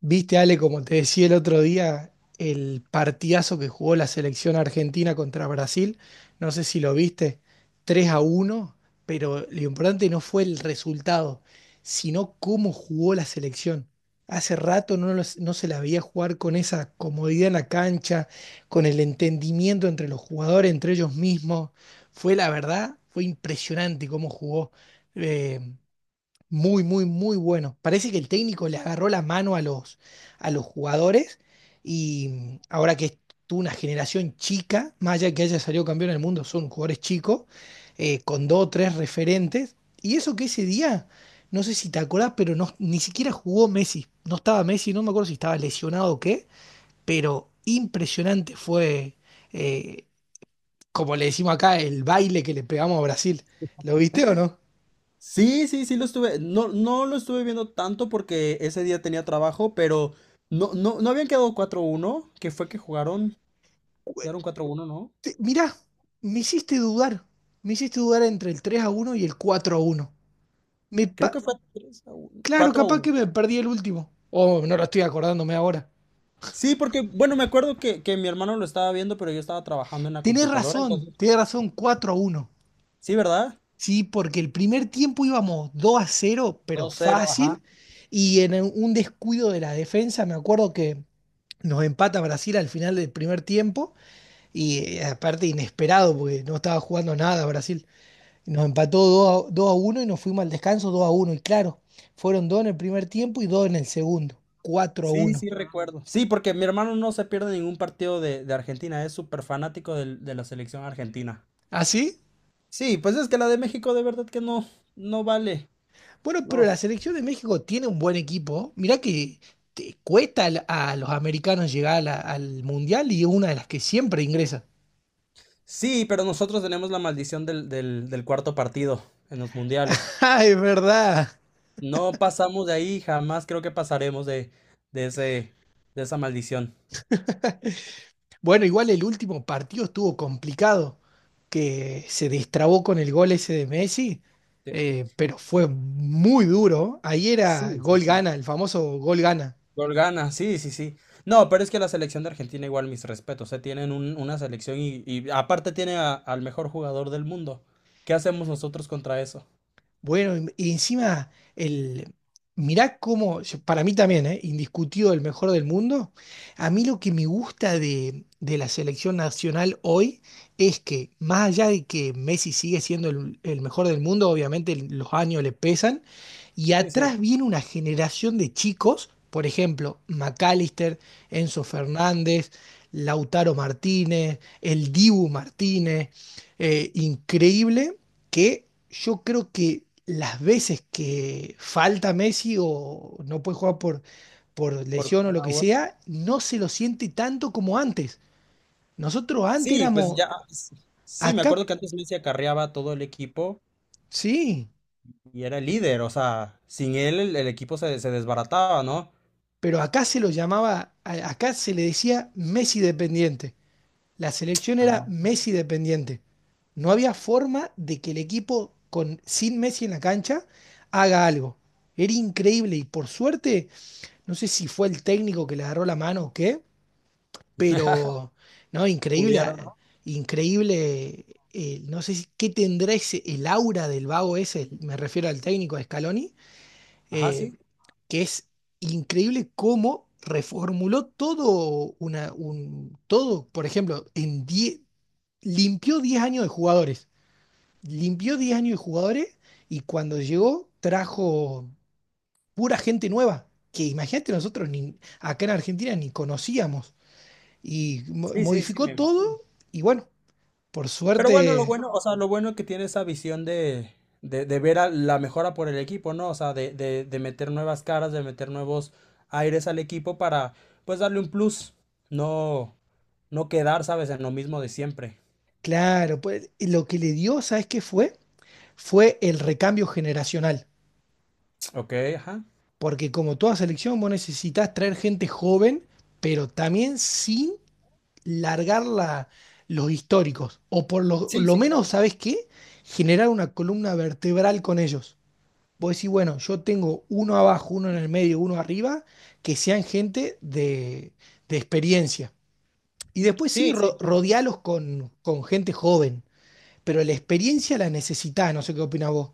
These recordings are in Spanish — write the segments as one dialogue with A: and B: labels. A: Viste, Ale, como te decía el otro día, el partidazo que jugó la selección argentina contra Brasil, no sé si lo viste, 3 a uno, pero lo importante no fue el resultado, sino cómo jugó la selección. Hace rato no, no se la veía jugar con esa comodidad en la cancha, con el entendimiento entre los jugadores, entre ellos mismos. Fue la verdad, fue impresionante cómo jugó. eh, muy, muy, muy bueno. Parece que el técnico le agarró la mano a los jugadores y ahora que es tú una generación chica, más allá de que haya salido campeón del mundo, son jugadores chicos, con dos o tres referentes. Y eso que ese día, no sé si te acordás, pero no, ni siquiera jugó Messi. No estaba Messi, no me acuerdo si estaba lesionado o qué, pero impresionante fue, eh, como le decimos acá, el baile que le pegamos a Brasil. ¿Lo viste o no?
B: Sí, sí, sí lo estuve, no, no lo estuve viendo tanto porque ese día tenía trabajo, pero no, no, no habían quedado 4 uno, que fue que jugaron, quedaron 4 uno, ¿no?
A: Mirá, me hiciste dudar. Me hiciste dudar entre el 3 a uno y el 4 a uno. Me
B: Creo
A: pa-
B: que fue 3-1,
A: claro, capaz
B: 4-1.
A: que me perdí el último. Oh, no lo estoy acordándome ahora.
B: Sí, porque, bueno, me acuerdo que mi hermano lo estaba viendo, pero yo estaba trabajando en la computadora, entonces,
A: Tenés razón, 4 a uno.
B: sí, verdad.
A: Sí, porque el primer tiempo íbamos 2 a cero, pero
B: Dos cero, ajá.
A: fácil. Y en un descuido de la defensa, me acuerdo que nos empata Brasil al final del primer tiempo. Y aparte inesperado, porque no estaba jugando nada Brasil. Nos empató 2 a uno, y nos fuimos al descanso 2 a uno. Y claro, fueron 2 en el primer tiempo y 2 en el segundo. Cuatro a
B: Sí,
A: 1.
B: sí, recuerdo. Sí, porque mi hermano no se pierde ningún partido de Argentina, es súper fanático de la selección argentina.
A: ¿Así?
B: Sí, pues es que la de México de verdad que no, no vale.
A: Bueno, pero
B: No.
A: la selección de México tiene un buen equipo. Mirá que a los americanos llegar al Mundial y es una de las que siempre ingresa.
B: Sí, pero nosotros tenemos la maldición del cuarto partido en los mundiales.
A: Ah, es verdad.
B: No pasamos de ahí, jamás creo que pasaremos de ese, de esa maldición.
A: Bueno, igual el último partido estuvo complicado, que se destrabó con el gol ese de Messi,
B: De-
A: pero fue muy duro. Ahí era
B: Sí, sí,
A: gol
B: sí.
A: gana, el famoso gol gana.
B: Gol gana, sí, sí, sí. No, pero es que la selección de Argentina, igual mis respetos. Se tienen una selección y aparte tiene al mejor jugador del mundo. ¿Qué hacemos nosotros contra eso?
A: Bueno, y encima, el, mirá cómo, para mí también, ¿eh? Indiscutido el mejor del mundo. A mí lo que me gusta de la selección nacional hoy es que, más allá de que Messi sigue siendo el mejor del mundo, obviamente los años le pesan, y
B: Sí, sí,
A: atrás viene una generación de chicos, por ejemplo, McAllister, Enzo Fernández, Lautaro Martínez, el Dibu Martínez. Increíble que yo creo que las veces que falta Messi o no puede jugar por
B: por
A: lesión o lo
B: una
A: que
B: u otra.
A: sea, no se lo siente tanto como antes. Nosotros antes
B: Sí, pues
A: éramos
B: ya, sí, me
A: acá,
B: acuerdo que antes Messi acarreaba a todo el equipo.
A: sí,
B: Y era el líder, o sea, sin él el equipo se desbarataba, ¿no?
A: pero acá se lo llamaba, acá se le decía Messi dependiente. La selección era
B: Ajá.
A: Messi dependiente. No había forma de que el equipo sin Messi en la cancha haga algo. Era increíble y por suerte. No sé si fue el técnico que le agarró la mano o qué, pero no, increíble,
B: Pudiera, ¿no?
A: increíble. No sé si- qué tendrá ese, el aura del vago ese, me refiero al técnico de Scaloni,
B: Ajá,
A: eh,
B: sí.
A: que es increíble cómo reformuló todo, todo, por ejemplo, en 10 limpió 10 años de jugadores, limpió 10 años de jugadores y cuando llegó trajo pura gente nueva, que imagínate nosotros ni, acá en Argentina ni conocíamos. Y
B: Sí, sí, sí,
A: modificó
B: me imagino.
A: todo y bueno, por
B: Pero bueno, lo
A: suerte.
B: bueno, o sea, lo bueno es que tiene esa visión de, ver a la mejora por el equipo, ¿no? O sea, de meter nuevas caras, de meter nuevos aires al equipo para, pues, darle un plus. No, no quedar, ¿sabes? En lo mismo de siempre.
A: Claro, pues, lo que le dio, ¿sabes qué fue? Fue el recambio generacional,
B: Ok, ajá.
A: porque como toda selección vos necesitas traer gente joven, pero también sin largar la- los históricos, o por lo,
B: Sí,
A: lo
B: sí,
A: menos,
B: claro.
A: ¿sabes qué? Generar una columna vertebral con ellos. Vos decís, bueno, yo tengo uno abajo, uno en el medio, uno arriba, que sean gente de experiencia. Y después sí,
B: Sí, sí, sí.
A: rodealos con gente joven, pero la experiencia la necesitás, no sé qué opinas vos.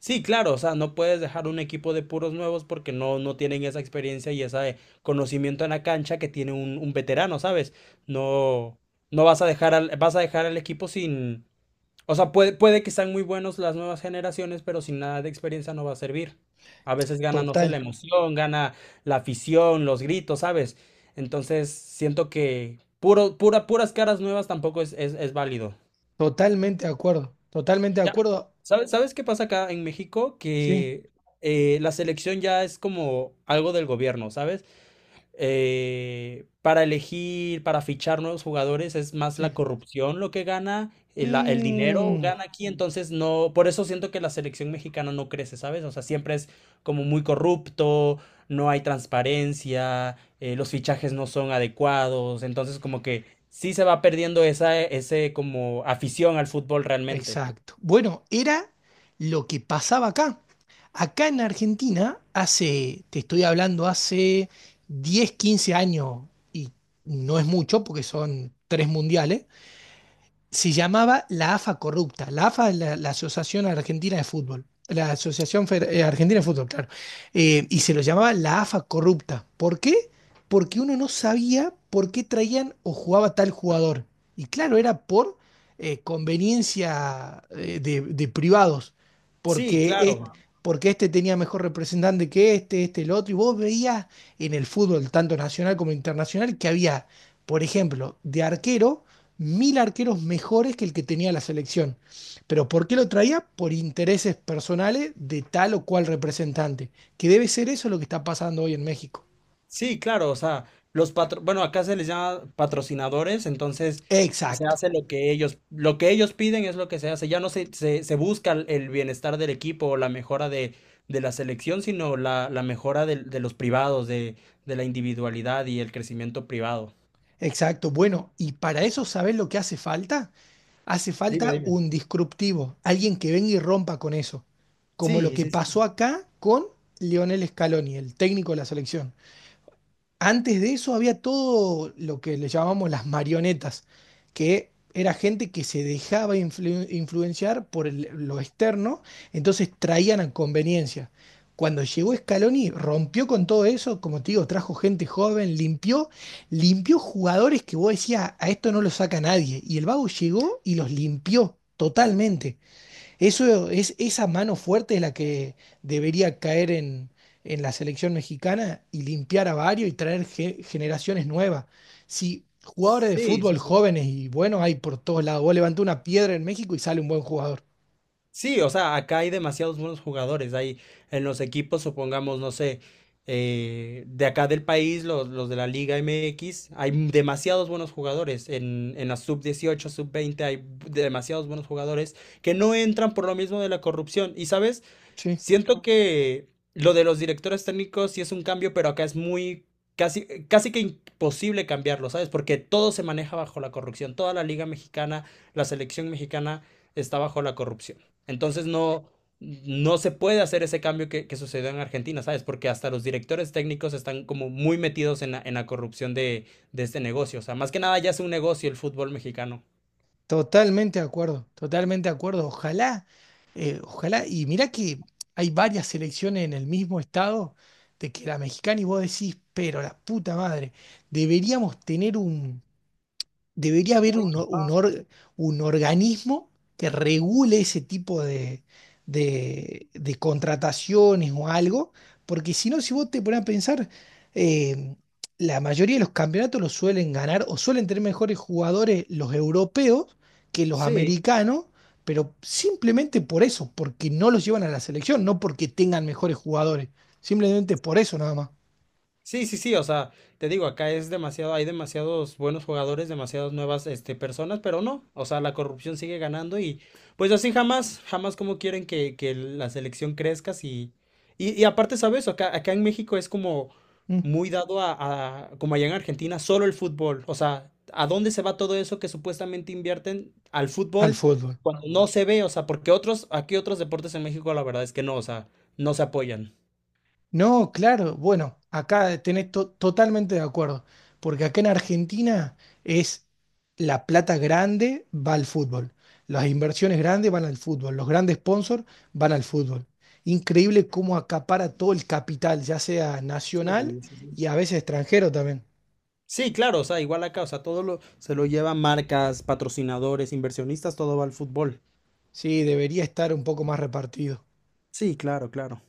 B: Sí, claro, o sea, no puedes dejar un equipo de puros nuevos porque no, no tienen esa experiencia y ese conocimiento en la cancha que tiene un veterano, ¿sabes? No, no vas a dejar al equipo sin, o sea, puede que sean muy buenos las nuevas generaciones, pero sin nada de experiencia no va a servir. A veces gana, no sé, la
A: Total,
B: emoción, gana la afición, los gritos, ¿sabes? Entonces, siento que puro, pura, puras caras nuevas tampoco es, es válido.
A: totalmente de acuerdo, totalmente de
B: Ya.
A: acuerdo.
B: ¿Sabes qué pasa acá en México?
A: Sí,
B: Que la selección ya es como algo del gobierno, ¿sabes? Para elegir, para fichar nuevos jugadores, es más
A: sí.
B: la corrupción lo que gana, el dinero
A: Mm.
B: gana aquí, entonces no, por eso siento que la selección mexicana no crece, ¿sabes? O sea, siempre es como muy corrupto, no hay transparencia, los fichajes no son adecuados, entonces como que sí se va perdiendo esa, ese como afición al fútbol realmente.
A: Exacto. Bueno, era lo que pasaba acá. Acá en Argentina, hace, te estoy hablando, hace 10, 15 años, y no es mucho porque son tres mundiales, se llamaba la AFA Corrupta. La AFA es la Asociación Argentina de Fútbol. La Asociación Argentina de Fútbol, claro. Y se lo llamaba la AFA Corrupta. ¿Por qué? Porque uno no sabía por qué traían o jugaba tal jugador. Y claro, era por conveniencia, de privados.
B: Sí,
A: Porque, est-
B: claro.
A: porque este tenía mejor representante que este, el otro. Y vos veías en el fútbol, tanto nacional como internacional, que había, por ejemplo, de arquero, mil arqueros mejores que el que tenía la selección. Pero ¿por qué lo traía? Por intereses personales de tal o cual representante, que debe ser eso lo que está pasando hoy en México.
B: Sí, claro. O sea, los patro, bueno, acá se les llama patrocinadores, entonces se
A: Exacto,
B: hace lo que ellos, piden es lo que se hace. Ya no se busca el bienestar del equipo o la mejora de la selección, sino la mejora de los privados, de la individualidad y el crecimiento privado.
A: exacto. Bueno, y para eso, ¿sabes lo que hace falta? Hace
B: Dime,
A: falta
B: dime.
A: un disruptivo, alguien que venga y rompa con eso, como lo
B: Sí,
A: que
B: sí, sí.
A: pasó acá con Lionel Scaloni, el técnico de la selección. Antes de eso había todo lo que le llamamos las marionetas, que era gente que se dejaba influenciar por lo externo, entonces traían a conveniencia. Cuando llegó Scaloni, rompió con todo eso, como te digo, trajo gente joven, limpió jugadores que vos decías, a esto no lo saca nadie. Y el Vago llegó y los limpió totalmente. Eso es, esa mano fuerte es la que debería caer en la selección mexicana y limpiar a varios y traer generaciones nuevas. Si jugadores de
B: Sí, sí,
A: fútbol
B: sí.
A: jóvenes y buenos hay por todos lados, vos levantás una piedra en México y sale un buen jugador.
B: Sí, o sea, acá hay demasiados buenos jugadores. Hay en los equipos, supongamos, no sé, de acá del país, los de la Liga MX, hay demasiados buenos jugadores. En la sub 18, sub 20, hay demasiados buenos jugadores que no entran por lo mismo de la corrupción. Y sabes,
A: Sí,
B: siento que lo de los directores técnicos sí es un cambio, pero acá es muy casi, casi que imposible cambiarlo, ¿sabes? Porque todo se maneja bajo la corrupción. Toda la liga mexicana, la selección mexicana está bajo la corrupción. Entonces no, no se puede hacer ese cambio que sucedió en Argentina, ¿sabes? Porque hasta los directores técnicos están como muy metidos en la, corrupción de este negocio. O sea, más que nada ya es un negocio el fútbol mexicano.
A: totalmente de acuerdo, totalmente de acuerdo. Ojalá, ojalá, y mirá que hay varias selecciones en el mismo estado de que la mexicana y vos decís, pero la puta madre, deberíamos tener debería haber un, o- un, or- un organismo que regule ese tipo de contrataciones o algo, porque si no, si vos te pones a pensar, eh, la mayoría de los campeonatos los suelen ganar o suelen tener mejores jugadores los europeos que los
B: Sí,
A: americanos, pero simplemente por eso, porque no los llevan a la selección, no porque tengan mejores jugadores, simplemente por eso nada más,
B: sí, sí, sí, o sea, te digo, acá es demasiado, hay demasiados buenos jugadores, demasiadas nuevas, este, personas, pero no, o sea, la corrupción sigue ganando y pues así jamás, jamás como quieren que la selección crezca si... Y aparte, ¿sabes? Acá, acá en México es como
A: mm,
B: muy dado a como allá en Argentina, solo el fútbol, o sea, ¿a dónde se va todo eso que supuestamente invierten al
A: al
B: fútbol
A: fútbol.
B: cuando no se ve? O sea, porque otros, aquí otros deportes en México la verdad es que no, o sea, no se apoyan.
A: No, claro, bueno, acá tenés totalmente de acuerdo, porque acá en Argentina es la plata grande va al fútbol, las inversiones grandes van al fútbol, los grandes sponsors van al fútbol. Increíble cómo acapara todo el capital, ya sea
B: Sí,
A: nacional
B: sí, sí.
A: y a veces extranjero también.
B: Sí, claro, o sea, igual acá, o sea, todo lo, se lo llevan marcas, patrocinadores, inversionistas, todo va al fútbol.
A: Sí, debería estar un poco más repartido.
B: Sí, claro, claro.